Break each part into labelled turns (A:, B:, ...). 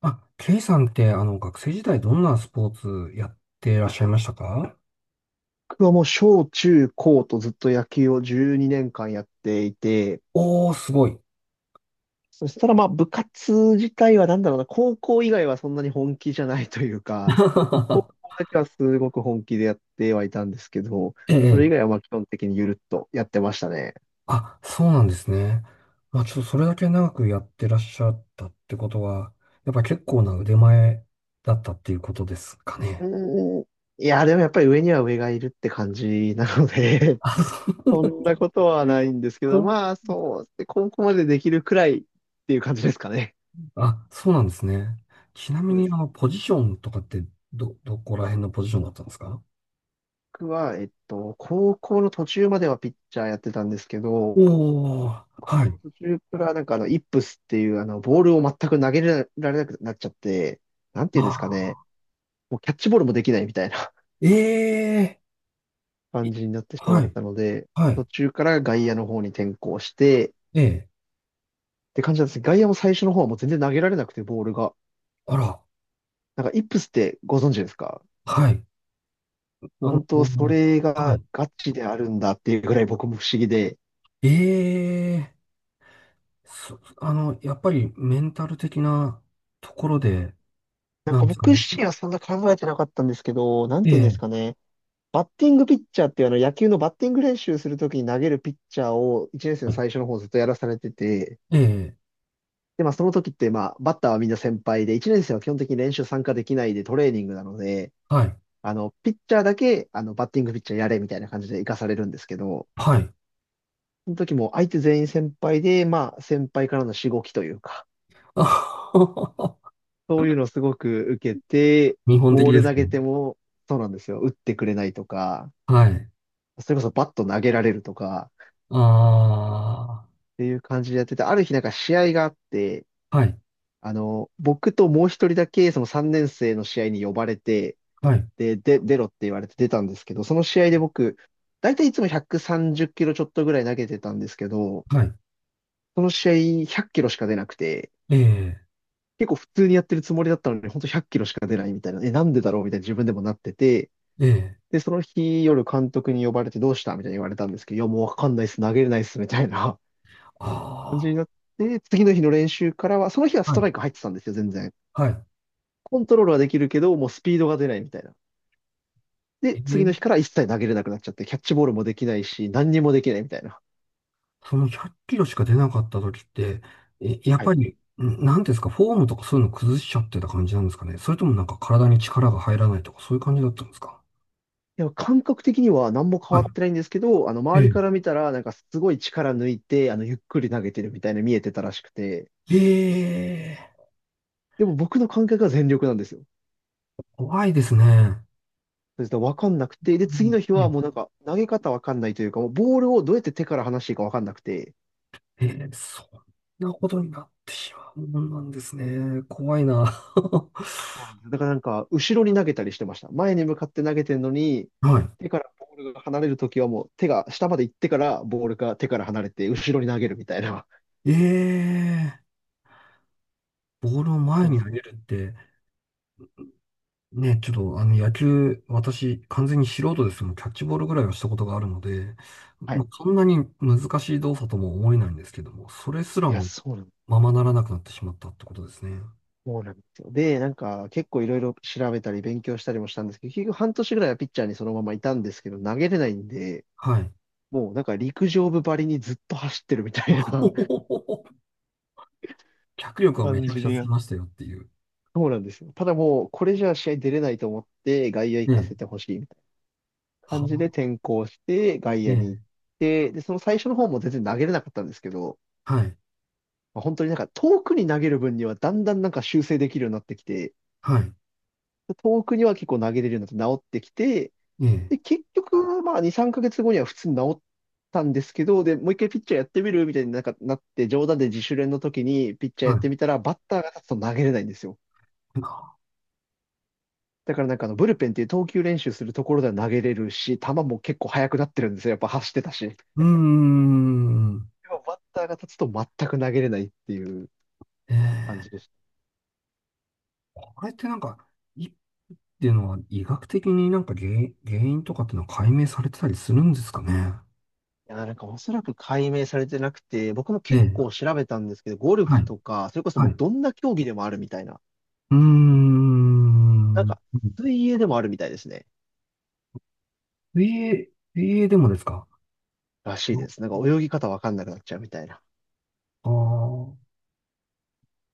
A: あ、ケイさんって、学生時代どんなスポーツやってらっしゃいましたか？
B: 僕はもう小中高とずっと野球を12年間やっていて、
A: おー、すごい。
B: そしたらまあ部活自体はなんだろうな、高校以外はそんなに本気じゃないというか、高校 だけはすごく本気でやってはいたんですけど、
A: え
B: そ
A: え、
B: れ以外はまあ基本的にゆるっとやってましたね。
A: あ、そうなんですね。まあ、ちょっとそれだけ長くやってらっしゃったってことは、やっぱ結構な腕前だったっていうことですかね。
B: うーん。いや、でもやっぱり上には上がいるって感じなので
A: あ、
B: そんなことはないんですけ
A: そ
B: ど、
A: う。
B: まあそう、で高校までできるくらいっていう感じですかね。
A: あ、そうなんですね。ちなみ
B: そう
A: に、
B: です。
A: ポジションとかって、どこら辺のポジションだったんですか？
B: 僕は、高校の途中まではピッチャーやってたんですけど、
A: おー、
B: 高
A: は
B: 校の
A: い。
B: 途中からイップスっていうボールを全く投げられなくなっちゃって、なんていうん
A: あ
B: ですかね、
A: あ、
B: もうキャッチボールもできないみたいな
A: ええ、
B: 感
A: い
B: じになってしま
A: は
B: っ
A: い、
B: たので、
A: は
B: 途
A: い、
B: 中から外野の方に転向して、っ
A: ええ。
B: て感じなんです。外野も最初の方はもう全然投げられなくて、ボールが。
A: あら、
B: なんか、イップスってご存知ですか？
A: はい。
B: もう
A: あの、
B: 本当、それ
A: は
B: が
A: い。
B: ガチであるんだっていうぐらい僕も不思議で、
A: ええやっぱりメンタル的なところで、
B: なん
A: な
B: か
A: んですか
B: 僕
A: ね。
B: 自身はそんな考えてなかったんですけど、なんていうんです
A: ええ
B: かね。バッティングピッチャーっていうあの野球のバッティング練習するときに投げるピッチャーを1年生
A: は
B: の
A: い
B: 最初の方ずっとやらされてて、
A: ええ
B: で、まあその時ってまあバッターはみんな先輩で、1年生は基本的に練習参加できないでトレーニングなので、
A: はい、
B: ピッチャーだけあのバッティングピッチャーやれみたいな感じで行かされるんですけど、
A: はい。
B: その時も相手全員先輩で、まあ先輩からのしごきというか、
A: あはは
B: そういうのをすごく受けて、
A: 日本的
B: ボー
A: で
B: ル
A: す
B: 投げ
A: ね。
B: ても、そうなんですよ、打ってくれないとか、
A: はい。
B: それこそバット投げられるとか、
A: あ
B: っていう感じでやってて、ある日なんか試合があって、
A: あ、はい、
B: 僕ともう一人だけその3年生の試合に呼ばれて、
A: はい、
B: で、出ろって言われて出たんですけど、その試合で僕、だいたいいつも130キロちょっとぐらい投げてたんですけど、
A: はい。
B: その試合100キロしか出なくて、
A: ええ
B: 結構普通にやってるつもりだったのに、ほんと100キロしか出ないみたいな、え、なんでだろうみたいな自分でもなってて、
A: ええ
B: で、その日夜監督に呼ばれてどうしたみたいに言われたんですけど、いや、もうわかんないっす、投げれないっす、みたいな。感
A: あ
B: じになって、次の日の練習からは、その日は
A: あ、
B: ス
A: は
B: ト
A: い、
B: ライク入ってたんですよ、全然。
A: はい。
B: コントロールはできるけど、もうスピードが出ないみたいな。で、
A: え
B: 次の日
A: え
B: から一切投げれなくなっちゃって、キャッチボールもできないし、何にもできないみたいな。
A: その100キロしか出なかった時って、え、やっ
B: は
A: ぱ
B: い。
A: り、なんていうんですか、フォームとかそういうの崩しちゃってた感じなんですかね。それともなんか体に力が入らないとかそういう感じだったんですか？
B: でも感覚的には何も変
A: は
B: わ
A: い。
B: ってないんですけど、周り
A: え
B: から見たら、なんかすごい力抜いて、ゆっくり投げてるみたいな見えてたらしくて、
A: え、ええ
B: でも僕の感覚は全力なんですよ。
A: 怖いですね。
B: それと分かんなくて、で、
A: う
B: 次
A: ん
B: の日は
A: ね
B: もうなんか、投げ方分かんないというか、もうボールをどうやって手から離していいか分かんなくて、
A: ええ、そんなことになってしまうもんなんですね。怖いな。
B: そうなんです。だからなんか、後ろに投げたりしてました。前に向かって投げてるのに、
A: は
B: 手からボールが離れるときはもう手が下まで行ってから、ボールが手から離れて、後ろに投げるみたいな。
A: い。ええボールを前
B: もう、
A: に投げるって、ね、ちょっと野球、私、完全に素人ですけども、キャッチボールぐらいはしたことがあるので、
B: は
A: ま
B: い。
A: あ、そんなに難しい動作とも思えないんですけども、それすら
B: いや、
A: も
B: そうなん
A: ままならなくなってしまったってことですね。
B: そうなんですよ。で、なんか、結構いろいろ調べたり勉強したりもしたんですけど、結局半年ぐらいはピッチャーにそのままいたんですけど、投げれないんで、
A: はい。
B: もうなんか陸上部ばりにずっと走ってるみたいな
A: 脚力はめ
B: 感
A: ちゃく
B: じ
A: ちゃ
B: で
A: つき
B: や
A: ましたよっていう。
B: そうなんですよ。ただもう、これじゃ試合出れないと思って、外野行
A: ね
B: かせて
A: え。
B: ほしい。感じで
A: は
B: 転向して、外
A: ね
B: 野に行
A: え。
B: って、で、その最初の方も全然投げれなかったんですけど、
A: はい。
B: まあ、本当になんか遠くに投げる分にはだんだんなんか修正できるようになってきて、
A: はい。
B: 遠くには結構投げれるようになって治ってきて、
A: ねえ。
B: で、結局、まあ2、3ヶ月後には普通に治ったんですけど、で、もう一回ピッチャーやってみるみたいになんかなって、冗談で自主練の時にピッチャーや
A: は
B: って
A: い。
B: みたら、バッターが立つと投げれないんですよ。だからブルペンっていう投球練習するところでは投げれるし、球も結構速くなってるんですよ。やっぱ走ってたし。
A: うーん。
B: でもバッターが立つと全く投げれないっていう感じ
A: え
B: で
A: え
B: した。
A: あれってなんか、いっていうのは医学的になんか原因、とかっていうのは解明されてたりするんですかね。
B: いや、なんかおそらく解明されてなくて、僕も
A: え
B: 結
A: え、
B: 構調べたんですけど、ゴル
A: は
B: フ
A: い、
B: とか、それこそ
A: は
B: も
A: い。
B: う
A: う
B: どんな競技でもあるみたいな。
A: ー
B: なん
A: ん。
B: か、水泳でもあるみたいですね。
A: 水泳、水泳でもですか？
B: らしい
A: あ
B: です。なんか泳ぎ方わかんなくなっちゃうみたいな。
A: あー、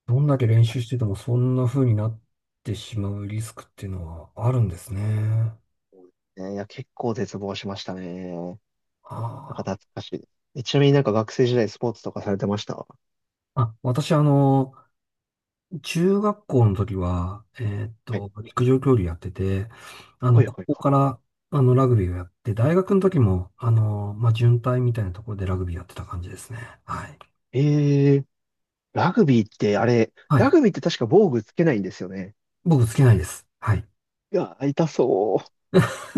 A: どんだけ練
B: ら
A: 習
B: し
A: しててもそんな風になってしまうリスクっていうのはあるんですね。
B: いですね、いや、結構絶望しましたね。なんか
A: あ
B: 懐かしいです。え、ちなみになんか学生時代スポーツとかされてました？は
A: ーあ、私中学校の時は、
B: い。
A: 陸上競技やってて、
B: はい
A: こ
B: はい
A: こ
B: は
A: から、ラグビーをやって、大学の時も、まあ、準隊みたいなところでラグビーやってた感じですね。はい。
B: い。えー、
A: は
B: ラ
A: い。
B: グビーって確か防具つけないんですよね。
A: 僕つけないです。はい。
B: いや、痛そう。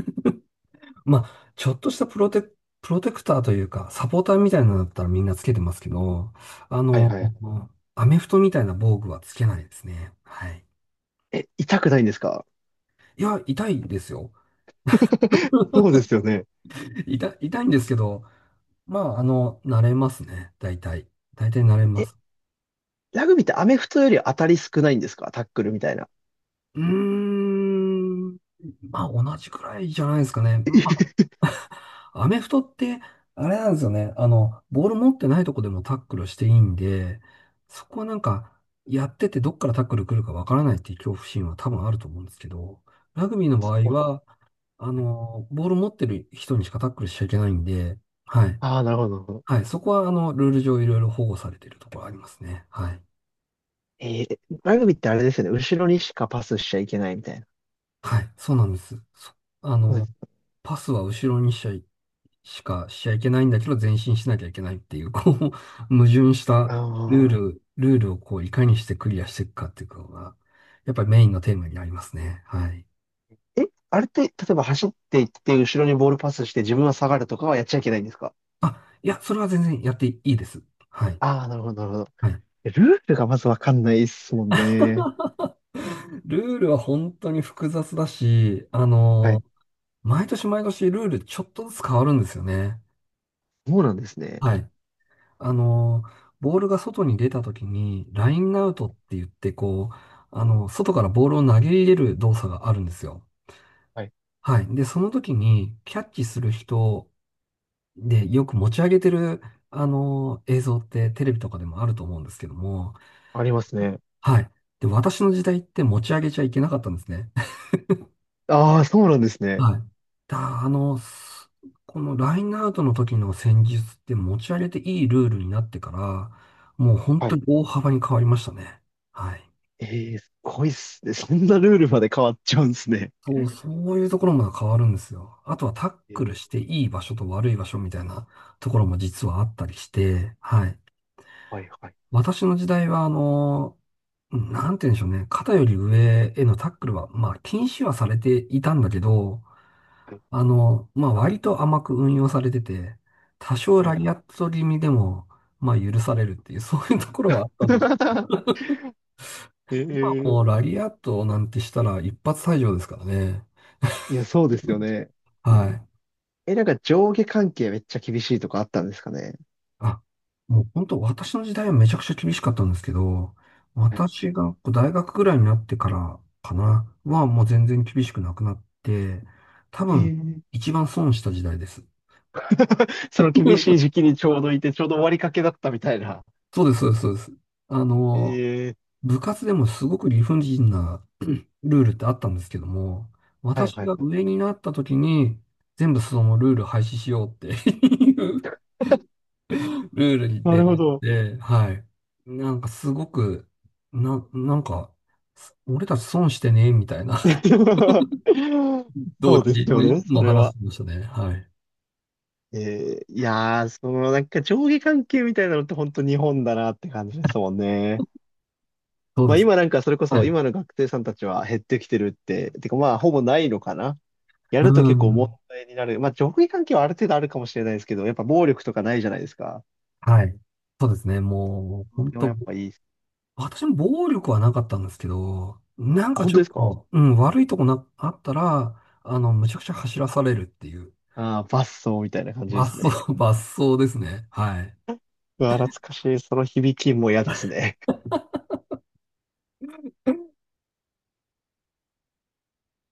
A: まあ、ちょっとしたプロテクターというか、サポーターみたいなのだったらみんなつけてますけど、あ
B: はい
A: の、
B: はい。
A: アメフトみたいな防具はつけないですね。はい。
B: え、痛くないんですか？
A: いや、痛いですよ。
B: そうで すよね。
A: 痛いんですけど、まあ、慣れますね。大体。大体慣れま
B: え、
A: す。
B: ラグビーってアメフトより当たり少ないんですか？タックルみたいな。
A: うーん。まあ、同じくらいじゃないですかね。まあ、アメフトって、あれなんですよね。ボール持ってないとこでもタックルしていいんで、そこはなんか、やっててどっからタックル来るかわからないっていう恐怖心は多分あると思うんですけど、ラグビーの場合は、ボール持ってる人にしかタックルしちゃいけないんで、はい。
B: ああー、なるほど、なるほど。
A: はい。そこは、ルール上いろいろ保護されてるところありますね。はい。
B: えー、ラグビーってあれですよね。後ろにしかパスしちゃいけないみたいな。
A: はい、そうなんです。そあ
B: そうで
A: の、
B: す。
A: パスは後ろにしかしちゃいけないんだけど、前進しなきゃいけないっていう、こう、矛盾した
B: あ
A: ルールをこう、いかにしてクリアしていくかっていうのが、やっぱりメインのテーマになりますね。はい。
B: あ、え、あれって、例えば走っていって、後ろにボールパスして自分は下がるとかはやっちゃいけないんですか？
A: あ、いや、それは全然やっていいです。はい。
B: ああー、なるほど、なるほど。
A: はい。
B: え、ルールがまずわかんないですもんね。
A: ルールは本当に複雑だし、
B: はい。
A: 毎年毎年ルールちょっとずつ変わるんですよね。
B: そうなんですね。
A: はい。あの、ボールが外に出た時に、ラインアウトって言って、こう、外からボールを投げ入れる動作があるんですよ。
B: はい。
A: はい。で、その時に、キャッチする人で、よく持ち上げてる、映像ってテレビとかでもあると思うんですけども、
B: ありますね。
A: はい。で、私の時代って持ち上げちゃいけなかったんですね。
B: ああ、そうなんですね。
A: はい。だ、あの、すこのラインアウトの時の戦術って持ち上げていいルールになってから、もう本
B: は
A: 当
B: い。
A: に大幅に変わりましたね。はい。
B: ええ、すごいっすね。そんなルールまで変わっちゃうんですね。
A: そういうところも変わるんですよ。あとはタッ
B: え
A: クル
B: ー、
A: していい場所と悪い場所みたいな ところも実はあったりして、はい。
B: はいはい
A: 私の時代は、なんて言うんでしょうね。肩より上へのタックルは、まあ、禁止はされていたんだけど、
B: はい。
A: まあ、割と甘く運用されてて、多少
B: はい
A: ラリ
B: は
A: アット気味でも、まあ、許されるっていう、そういうところはあったんです。
B: い。
A: 今
B: ええ、
A: もうラリアットなんてしたら一発退場ですからね。
B: いや、そうですよね。
A: はい。
B: え、なんか上下関係めっちゃ厳しいとかあったんですかね。
A: あ、もう本当、私の時代はめちゃくちゃ厳しかったんですけど、
B: はい。
A: 私がこう大学ぐらいになってからかな、はもう全然厳しくなくなって、多
B: え
A: 分、
B: ー、
A: 一番損した時代です。
B: その厳しい時 期にちょうどいて、ちょうど終わりかけだったみたいな。
A: そうです、そうです、そうです。あの、
B: ええ、
A: 部活でもすごく理不尽なルールってあったんですけども、
B: はい
A: 私
B: はい
A: が
B: は
A: 上
B: い。
A: になった時に、全部そのルール廃止しようって ルールに
B: な
A: 出
B: るほ
A: 会っ
B: ど。
A: て、はい。なんかすごく、なんか、俺たち損してね、みたいな
B: そ
A: 同
B: う
A: 期
B: です
A: も
B: よ
A: い
B: ね、
A: つ
B: そ
A: も
B: れ
A: 話し
B: は。
A: てましたね。はい。
B: えー、いやー、そのなんか上下関係みたいなのって本当日本だなって感じですもんね。
A: そう
B: まあ
A: です。
B: 今なんかそれこ
A: は
B: そ
A: い。
B: 今の学生さんたちは減ってきてるって、てかまあほぼないのかな。や
A: う
B: ると結構問
A: ん。
B: 題になる。まあ上下関係はある程度あるかもしれないですけど、やっぱ暴力とかないじゃないですか。
A: はい。そうですね。もう、本
B: でも
A: 当
B: やっぱいいっす。
A: 私も暴力はなかったんですけど、なん
B: あ、
A: か
B: 本
A: ちょ
B: 当で
A: っ
B: すか？
A: と、うん、悪いとこな、あったら、むちゃくちゃ走らされるっていう、
B: ああー、バッソーみたいな感じで
A: 罰
B: す
A: 走、
B: ね。
A: 罰走ですね。はい。
B: うわ、懐かしい。その響きも嫌ですね。